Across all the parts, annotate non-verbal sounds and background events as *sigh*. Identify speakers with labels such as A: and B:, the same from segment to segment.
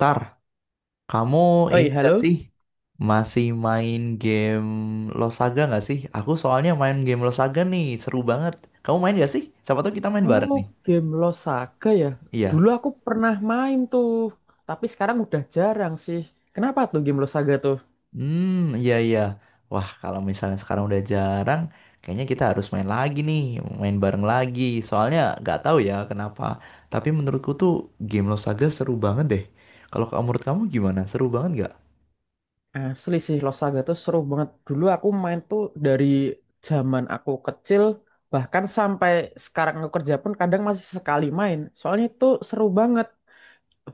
A: Tar, kamu ini
B: Oi,
A: gak
B: halo.
A: sih masih main game Losaga gak sih? Aku soalnya main game Losaga nih, seru banget. Kamu main gak sih? Siapa tahu kita main bareng
B: Oh,
A: nih.
B: game Lost Saga ya.
A: Iya.
B: Dulu aku pernah main tuh, tapi sekarang udah jarang sih. Kenapa tuh game Lost Saga tuh?
A: Hmm, iya iya. Wah, kalau misalnya sekarang udah jarang, kayaknya kita harus main lagi nih, main bareng lagi. Soalnya nggak tahu ya kenapa. Tapi menurutku tuh game Losaga seru banget deh. Menurut kamu gimana? Seru banget nggak?
B: Asli sih Lost Saga tuh seru banget. Dulu aku main tuh dari zaman aku kecil, bahkan sampai sekarang aku kerja pun kadang masih sekali main. Soalnya itu seru banget.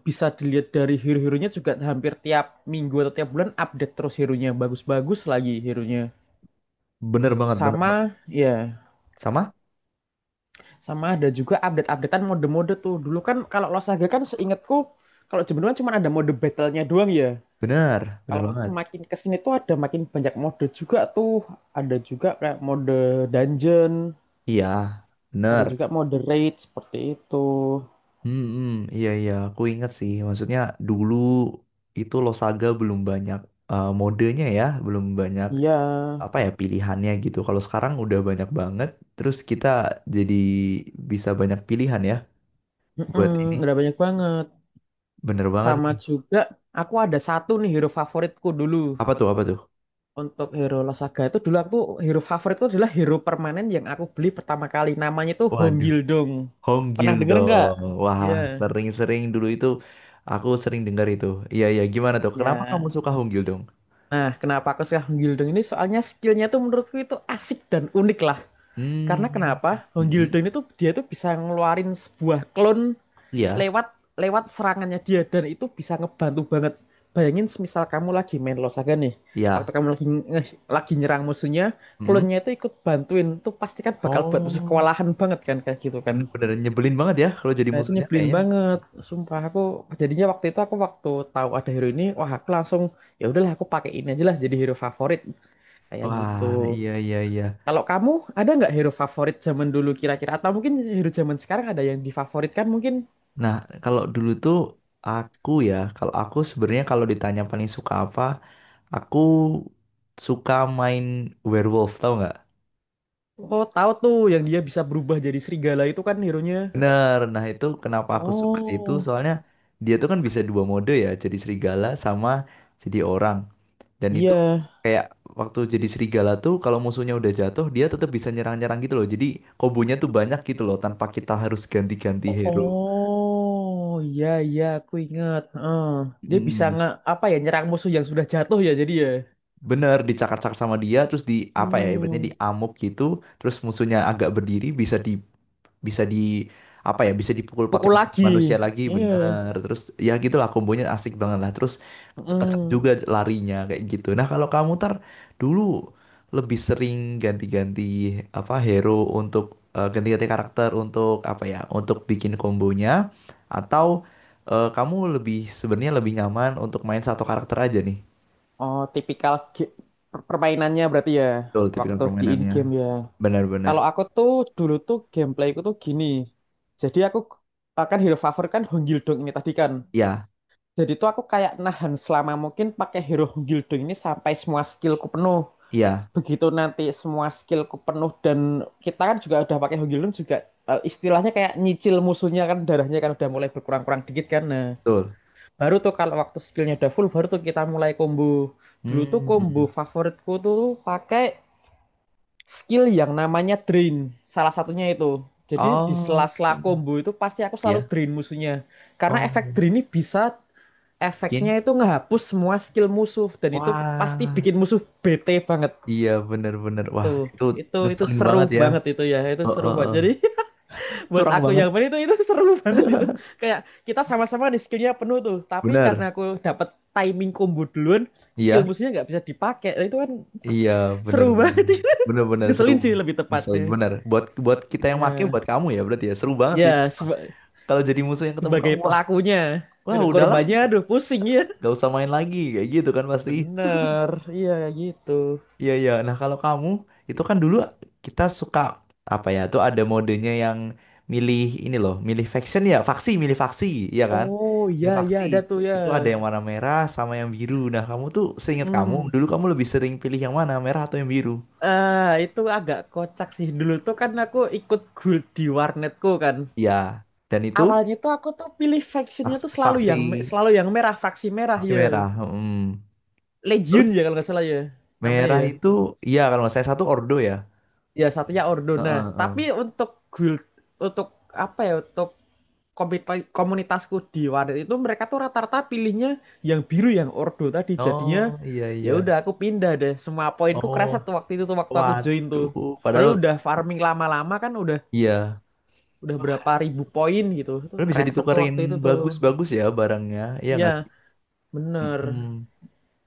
B: Bisa dilihat dari hero-heronya juga hampir tiap minggu atau tiap bulan update terus hero-nya. Bagus-bagus lagi hero-nya.
A: Bener banget, bener banget.
B: Sama, ya.
A: Sama?
B: Sama ada juga update-updatean mode-mode tuh. Dulu kan kalau Lost Saga kan seingatku kalau Jemberan cuma ada mode battle-nya doang ya.
A: Bener, bener
B: Kalau
A: banget.
B: semakin kesini tuh ada makin banyak mode juga tuh. Ada juga kayak mode dungeon,
A: Iya,
B: ada
A: bener.
B: juga mode raid seperti itu.
A: Hmm, hmm, iya iya, aku ingat sih. Maksudnya dulu itu Losaga belum banyak eh, modenya ya, belum banyak
B: Iya,
A: apa ya pilihannya gitu. Kalau sekarang udah banyak banget, terus kita jadi bisa banyak pilihan ya buat ini.
B: mm-mm, udah banyak banget.
A: Bener banget
B: Sama
A: nih.
B: juga aku ada satu nih hero favoritku dulu.
A: Apa tuh, apa tuh?
B: Untuk hero Losaga itu dulu aku tuh hero favorit itu adalah hero permanen yang aku beli pertama kali. Namanya itu Hong
A: Waduh,
B: Gildong. Pernah
A: Honggil
B: denger nggak?
A: dong. Wah,
B: Iya.
A: sering-sering dulu itu aku sering dengar itu. Iya iya, gimana tuh? Kenapa kamu
B: Ya.
A: suka Honggil dong?
B: Nah, kenapa aku suka Hong Gildong ini? Soalnya skillnya tuh menurutku itu asik dan unik lah.
A: Hmm,
B: Karena kenapa? Hong
A: hmm, hmm.
B: Gildong itu dia tuh bisa ngeluarin sebuah clone
A: Iya,
B: lewat lewat serangannya dia dan itu bisa ngebantu banget. Bayangin semisal kamu lagi main Losaga nih,
A: iya.
B: waktu kamu lagi nyerang musuhnya,
A: Hmm.
B: klonnya itu ikut bantuin, tuh pasti kan bakal buat musuh
A: Oh.
B: kewalahan banget kan kayak gitu kan.
A: Bener-bener nyebelin banget ya kalau jadi
B: Nah itu
A: musuhnya
B: nyebelin
A: kayaknya.
B: banget, sumpah aku jadinya waktu itu aku waktu tahu ada hero ini, wah aku langsung ya udahlah aku pakai ini aja lah jadi hero favorit kayak gitu.
A: Wah, iya iya iya.
B: Kalau kamu ada nggak hero favorit zaman dulu kira-kira atau mungkin hero zaman sekarang ada yang difavoritkan mungkin?
A: Nah, kalau dulu tuh aku ya, kalau aku sebenarnya kalau ditanya paling suka apa, aku suka main werewolf, tau nggak?
B: Oh, tahu tuh yang dia bisa berubah jadi serigala itu kan hero-nya.
A: Bener. Nah, itu kenapa aku suka itu
B: Oh,
A: soalnya dia tuh kan bisa dua mode ya, jadi serigala sama jadi orang. Dan itu
B: iya.
A: kayak waktu jadi serigala tuh kalau musuhnya udah jatuh, dia tetap bisa nyerang-nyerang gitu loh. Jadi kombonya tuh banyak gitu loh tanpa kita harus ganti-ganti hero.
B: Oh, iya iya aku ingat. Heeh. Dia bisa
A: Mm,
B: nge apa ya nyerang musuh yang sudah jatuh ya jadi ya.
A: bener dicakar-cakar sama dia terus di apa ya ibaratnya
B: Hmm,
A: diamuk gitu terus musuhnya agak berdiri bisa di bisa di apa ya bisa dipukul pakai
B: pukul lagi.
A: manusia lagi
B: Iya.
A: bener terus ya gitulah kombonya asik banget lah terus kenceng
B: Heeh.
A: juga larinya kayak gitu. Nah kalau kamu Tar, dulu lebih sering ganti-ganti apa hero untuk eh, ganti-ganti karakter untuk apa ya untuk bikin kombonya, atau eh, kamu lebih sebenarnya lebih nyaman untuk main satu karakter aja nih?
B: Oh, tipikal permainannya berarti ya
A: Betul, tipikal
B: waktu di in
A: permainannya.
B: game ya.
A: Benar-benar.
B: Kalau aku tuh dulu tuh gameplayku tuh gini. Jadi aku akan hero favor kan Honggildong ini tadi kan.
A: Iya,
B: Jadi tuh aku kayak nahan selama mungkin pakai Hero Guildo ini sampai semua skillku penuh.
A: iya,
B: Begitu nanti semua skillku penuh dan kita kan juga udah pakai Hero Guildo juga istilahnya kayak nyicil musuhnya kan darahnya kan udah mulai berkurang-kurang dikit kan. Nah,
A: betul.
B: baru tuh kalau waktu skillnya udah full baru tuh kita mulai combo. Dulu tuh
A: Hmm, mm,
B: combo
A: mm.
B: favoritku tuh pakai skill yang namanya drain. Salah satunya itu. Jadi di
A: Oh,
B: sela-sela combo itu pasti aku selalu
A: iya.
B: drain musuhnya. Karena efek
A: Oh,
B: drain ini bisa efeknya
A: bikin.
B: itu ngehapus semua skill musuh dan itu pasti
A: Wah,
B: bikin musuh bete banget
A: iya benar-benar.
B: itu.
A: Wah, itu
B: Itu
A: ngeselin
B: seru
A: banget ya.
B: banget itu, ya itu
A: Oh,
B: seru
A: oh,
B: banget
A: oh.
B: jadi *laughs* buat
A: Curang
B: aku
A: banget.
B: yang main itu seru *laughs* banget itu kayak kita sama-sama di skillnya penuh tuh tapi karena
A: Benar.
B: aku dapat timing combo duluan skill
A: Iya,
B: musuhnya nggak bisa dipakai. Nah, itu kan
A: iya,
B: seru
A: benar-benar.
B: banget itu *laughs*
A: Benar-benar seru.
B: ngeselin sih lebih tepatnya.
A: Ngeselin benar. Buat buat kita yang make,
B: Ya
A: buat kamu ya berarti ya. Seru banget sih,
B: ya
A: sumpah.
B: seba-
A: Kalau jadi musuh yang ketemu
B: sebagai
A: kamu, wah,
B: pelakunya.
A: wah
B: Aduh,
A: udahlah,
B: korbannya aduh pusing ya
A: gak usah main lagi kayak gitu kan pasti.
B: bener iya gitu.
A: Iya iya. Nah kalau kamu, itu kan dulu kita suka apa ya? Tuh ada modenya yang milih ini loh, milih faction ya, faksi, milih faksi, iya kan?
B: Oh,
A: Milih
B: ya ya,
A: faksi.
B: ada tuh ya.
A: Itu ada yang warna merah sama yang biru. Nah kamu tuh seingat kamu
B: Hmm.
A: dulu kamu lebih sering pilih yang mana, merah atau yang biru?
B: Eh, itu agak kocak sih. Dulu tuh kan aku ikut guild di warnetku kan.
A: Iya. Dan itu
B: Awalnya tuh aku tuh pilih factionnya
A: faksi
B: tuh
A: faksi,
B: selalu yang merah, faksi merah
A: faksi
B: ya.
A: merah. Mm.
B: Legion
A: Terus
B: ya kalau nggak salah ya namanya
A: merah
B: ya.
A: itu iya kalau nggak saya satu ordo ya.
B: Ya satunya Ordo.
A: Heeh,
B: Nah,
A: heeh.
B: tapi untuk guild untuk apa ya? Untuk komunitasku di Wadet itu mereka tuh rata-rata pilihnya yang biru yang ordo tadi jadinya
A: Oh iya
B: ya udah
A: iya.
B: aku pindah deh semua poinku
A: Oh
B: kerasa tuh waktu itu tuh waktu aku join tuh
A: waduh. Padahal
B: perlu udah farming lama-lama kan udah
A: iya.
B: udah berapa ribu poin gitu tuh
A: Lo bisa
B: kerasa tuh
A: ditukerin
B: waktu itu tuh
A: bagus-bagus ya barangnya, iya
B: iya
A: nggak sih?
B: bener.
A: Mm-mm.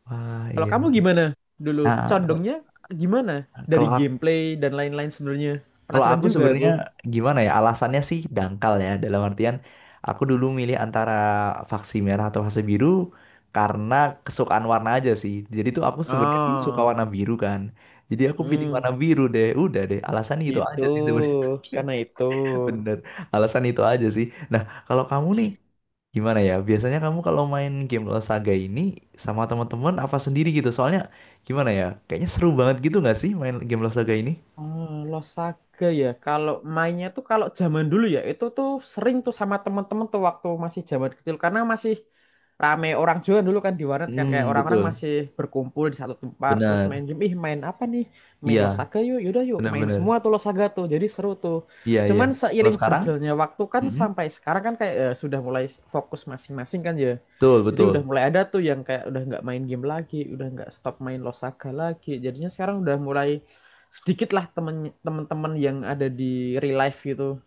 A: Wah
B: Kalau
A: iya.
B: kamu gimana dulu
A: Nah,
B: condongnya gimana dari
A: kalau aku,
B: gameplay dan lain-lain sebenarnya
A: kalau
B: penasaran
A: aku
B: juga
A: sebenarnya
B: aku.
A: gimana ya? Alasannya sih dangkal ya. Dalam artian aku dulu milih antara vaksin merah atau vaksin biru karena kesukaan warna aja sih. Jadi tuh aku sebenarnya dulu suka
B: Oh,
A: warna biru kan. Jadi aku pilih
B: hmm,
A: warna biru deh. Udah deh, alasannya itu
B: itu
A: aja sih sebenarnya.
B: karena itu.
A: *laughs* Bener, alasan itu aja sih. Nah, kalau kamu nih, gimana ya? Biasanya kamu kalau main game Lost Saga ini sama teman-teman apa sendiri gitu? Soalnya gimana ya? Kayaknya seru banget gitu nggak sih main game Lost Saga ini?
B: Oh, Losaga ya. Kalau mainnya tuh kalau zaman dulu ya itu tuh sering tuh sama temen-temen tuh waktu masih zaman kecil karena masih rame orang juga dulu kan di warnet kan kayak
A: Hmm,
B: orang-orang
A: betul.
B: masih berkumpul di satu tempat terus
A: Benar.
B: main game. Ih, main apa nih? Main
A: Iya,
B: Losaga yuk. Yaudah yuk, main
A: benar-benar.
B: semua tuh Losaga tuh. Jadi seru tuh.
A: Iya, iya.
B: Cuman
A: Kalau
B: seiring
A: sekarang?
B: berjalannya waktu kan
A: Mm-mm.
B: sampai sekarang kan kayak sudah mulai fokus masing-masing kan ya.
A: Betul,
B: Jadi udah
A: betul.
B: mulai ada tuh yang kayak udah nggak main game lagi, udah nggak stop main Losaga lagi. Jadinya sekarang udah mulai sedikit lah teman yang ada di real life gitu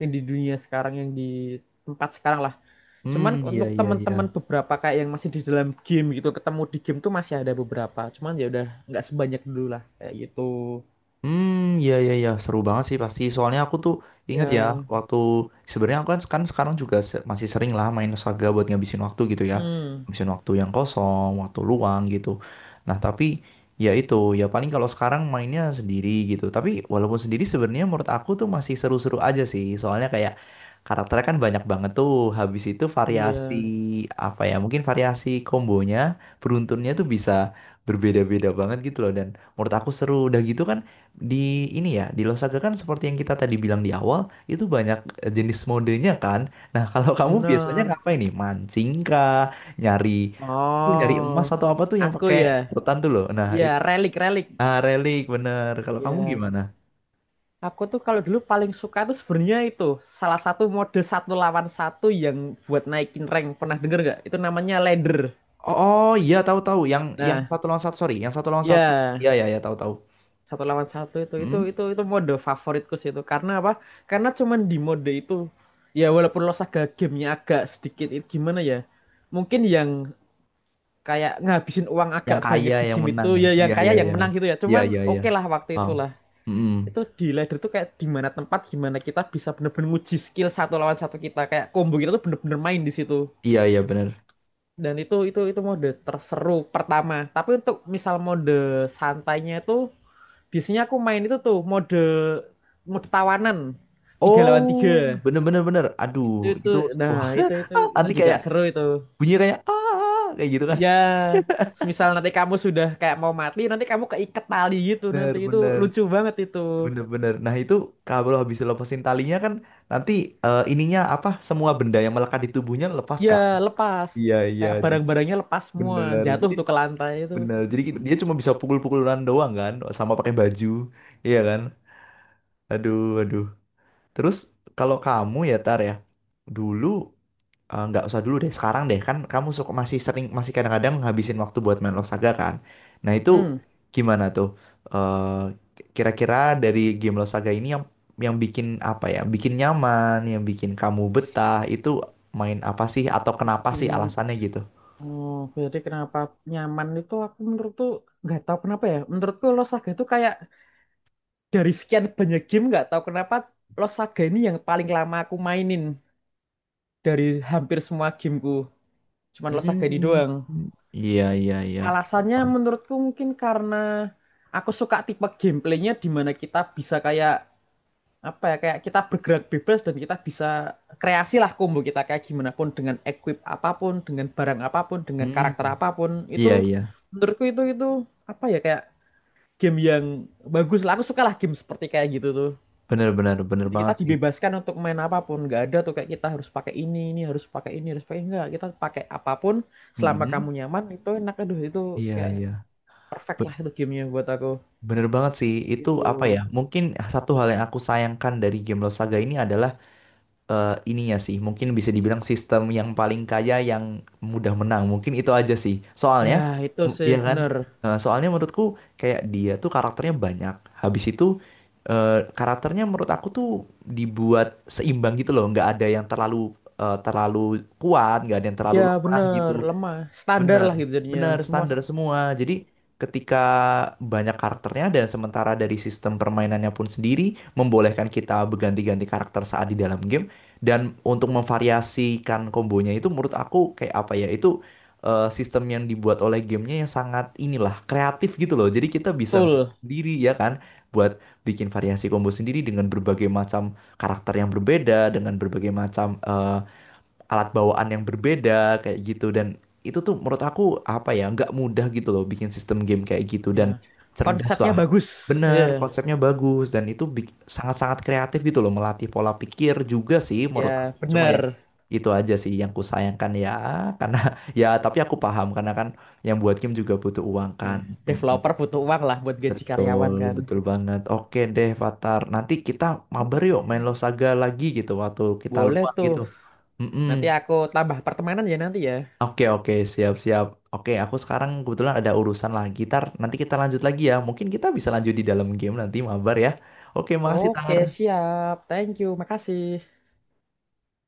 B: yang di dunia sekarang yang di tempat sekarang lah cuman
A: Hmm, iya,
B: untuk
A: iya,
B: teman-teman
A: iya.
B: beberapa kayak yang masih di dalam game gitu ketemu di game tuh masih ada beberapa cuman ya udah nggak sebanyak dulu lah kayak gitu.
A: Hmm, iya iya iya seru banget sih pasti. Soalnya aku tuh ingat ya. Iya.
B: Ya,
A: Waktu sebenarnya aku kan sekarang juga masih sering lah main Saga buat ngabisin waktu gitu ya.
B: hmm,
A: Ngabisin waktu yang kosong, waktu luang gitu. Nah, tapi ya itu, ya paling kalau sekarang mainnya sendiri gitu. Tapi walaupun sendiri sebenarnya menurut aku tuh masih seru-seru aja sih. Soalnya kayak karakternya kan banyak banget tuh. Habis itu, iya, variasi
B: iya
A: apa ya? Mungkin variasi kombonya, beruntunnya tuh bisa berbeda-beda banget gitu loh, dan menurut aku seru udah gitu kan. Di ini ya, di Losaga kan seperti yang kita tadi bilang di awal, itu banyak eh, jenis modenya kan. Nah, *laughs* kalau kamu biasanya
B: bener.
A: ngapain nih? Mancing kah? Nyari tuh nyari
B: Oh,
A: emas atau apa tuh yang
B: aku
A: pakai
B: ya,
A: sedotan tuh loh. Nah
B: ya
A: itu,
B: relik relik
A: ah, relik bener. Kalau kamu
B: ya.
A: gimana?
B: Aku tuh kalau dulu paling suka tuh sebenarnya itu salah satu mode satu lawan satu yang buat naikin rank pernah denger gak? Itu namanya ladder.
A: Oh, oh, iya tahu tahu yang
B: Nah,
A: satu lawan satu, sorry, yang satu lawan satu.
B: ya
A: Iya iya iya tahu tahu.
B: satu lawan satu itu itu
A: Hmm?
B: itu itu mode favoritku sih itu karena apa? Karena cuman di mode itu ya walaupun lo saga gamenya agak sedikit itu gimana ya? Mungkin yang kayak ngabisin uang agak
A: Yang kaya
B: banyak di
A: yang
B: game itu
A: menang ya.
B: ya yang
A: Iya
B: kaya
A: iya
B: yang
A: iya
B: menang gitu ya.
A: iya
B: Cuman
A: iya iya.
B: oke lah waktu
A: Wow.
B: itu lah.
A: Mm-mm.
B: Itu di ladder tuh kayak di mana tempat gimana kita bisa bener-bener nguji skill satu lawan satu kita kayak combo kita tuh bener-bener main di situ
A: Iya iya bener.
B: dan itu mode terseru pertama tapi untuk misal mode santainya itu biasanya aku main itu tuh mode mode tawanan tiga lawan
A: Oh,
B: tiga
A: bener bener bener. Aduh,
B: itu
A: gitu.
B: nah
A: Wah,
B: itu
A: *laughs*
B: itu
A: ah,
B: itu
A: nanti
B: juga
A: kayak
B: seru itu.
A: bunyi kayak ah kayak gitu kan.
B: Iya, semisal nanti kamu sudah kayak mau mati nanti kamu keiket tali gitu nanti
A: Bener
B: itu
A: bener
B: lucu banget itu.
A: bener bener. Nah itu kalau habis lepasin talinya kan nanti eh, ininya apa? Semua benda yang melekat di tubuhnya lepas
B: Ya,
A: kan?
B: lepas.
A: Iya iya.
B: Kayak
A: Jadi
B: barang-barangnya lepas semua,
A: bener.
B: jatuh
A: Jadi
B: tuh ke lantai itu.
A: bener. Jadi dia cuma bisa pukul-pukulan doang kan, sama pakai baju, iya kan? Aduh aduh. Terus kalau kamu ya Tar ya, dulu. Eh, nggak usah dulu deh, sekarang deh, kan kamu suka masih sering, masih kadang-kadang ngabisin waktu buat main Losaga kan. Nah itu
B: Hmm,
A: gimana tuh? Eh, kira-kira dari game Losaga ini yang bikin apa ya, bikin nyaman, yang bikin kamu betah itu main apa sih atau kenapa sih
B: bikin
A: alasannya gitu?
B: oh, jadi kenapa nyaman itu aku menurut tuh nggak tahu kenapa ya. Menurutku Los Saga itu kayak dari sekian banyak game nggak tahu kenapa Los Saga ini yang paling lama aku mainin dari hampir semua gameku. Cuman Los Saga ini
A: Hmm,
B: doang.
A: iya iya iya.
B: Alasannya
A: Paham.
B: menurutku mungkin karena aku suka tipe gameplaynya di mana kita bisa kayak apa ya kayak kita bergerak bebas dan kita bisa kreasi lah combo kita kayak gimana pun dengan equip apapun dengan barang apapun dengan
A: Hmm,
B: karakter apapun
A: iya
B: itu
A: iya.
B: menurutku itu apa ya kayak game yang bagus lah aku suka lah game seperti kayak gitu tuh
A: Bener bener bener
B: jadi kita
A: banget sih.
B: dibebaskan untuk main apapun nggak ada tuh kayak kita harus pakai ini harus pakai enggak kita pakai apapun selama kamu
A: Mm-mm.
B: nyaman itu enak aduh itu
A: Iya
B: kayak
A: iya.
B: perfect lah itu gamenya buat aku
A: Bener banget sih, itu apa ya?
B: gitu.
A: Mungkin satu hal yang aku sayangkan dari game Lost Saga ini adalah eh, ininya sih. Mungkin bisa dibilang sistem yang paling kaya yang mudah menang. Mungkin itu aja sih.
B: Ya,
A: Soalnya,
B: itu sih
A: ya kan?
B: bener.
A: Eh, soalnya menurutku kayak dia tuh karakternya banyak. Habis itu eh, karakternya menurut aku tuh dibuat seimbang gitu loh. Nggak ada yang terlalu kuat, nggak ada yang terlalu
B: Iya
A: lemah gitu.
B: bener, lemah. Standar
A: Benar,
B: lah gitu jadinya.
A: benar
B: Semua
A: standar semua. Jadi ketika banyak karakternya, dan sementara dari sistem permainannya pun sendiri membolehkan kita berganti-ganti karakter saat di dalam game, dan untuk memvariasikan kombonya, itu menurut aku kayak apa ya, itu eh, sistem yang dibuat oleh gamenya yang sangat inilah kreatif gitu loh. Jadi kita bisa
B: betul.
A: sendiri ya kan buat bikin variasi combo sendiri dengan berbagai macam karakter yang berbeda, dengan berbagai macam eh, alat bawaan yang berbeda kayak gitu, dan itu tuh menurut aku apa ya, nggak mudah gitu loh bikin sistem game kayak gitu, dan
B: Ya.
A: cerdas
B: Konsepnya
A: lah,
B: bagus.
A: bener,
B: Ya.
A: konsepnya bagus, dan itu sangat-sangat kreatif gitu loh, melatih pola pikir juga sih menurut aku,
B: Ya
A: cuma ya
B: bener.
A: itu aja sih yang ku sayangkan ya, karena *laughs* ya tapi aku paham karena kan yang buat game juga butuh uang kan.
B: Ya. Developer butuh uang lah buat
A: Mm,
B: gaji
A: betul
B: karyawan kan.
A: betul banget. Oke deh Fatar, nanti kita mabar yuk main
B: Oke.
A: Losaga lagi gitu waktu kita
B: Boleh
A: luang
B: tuh.
A: gitu. Mm-mm.
B: Nanti aku tambah pertemanan ya nanti ya.
A: Oke oke siap siap. Oke aku sekarang kebetulan ada urusan lah gitar. Nanti kita lanjut lagi ya. Mungkin kita bisa lanjut di dalam game nanti mabar ya. Oke makasih
B: Oke
A: Tar.
B: siap. Thank you. Makasih.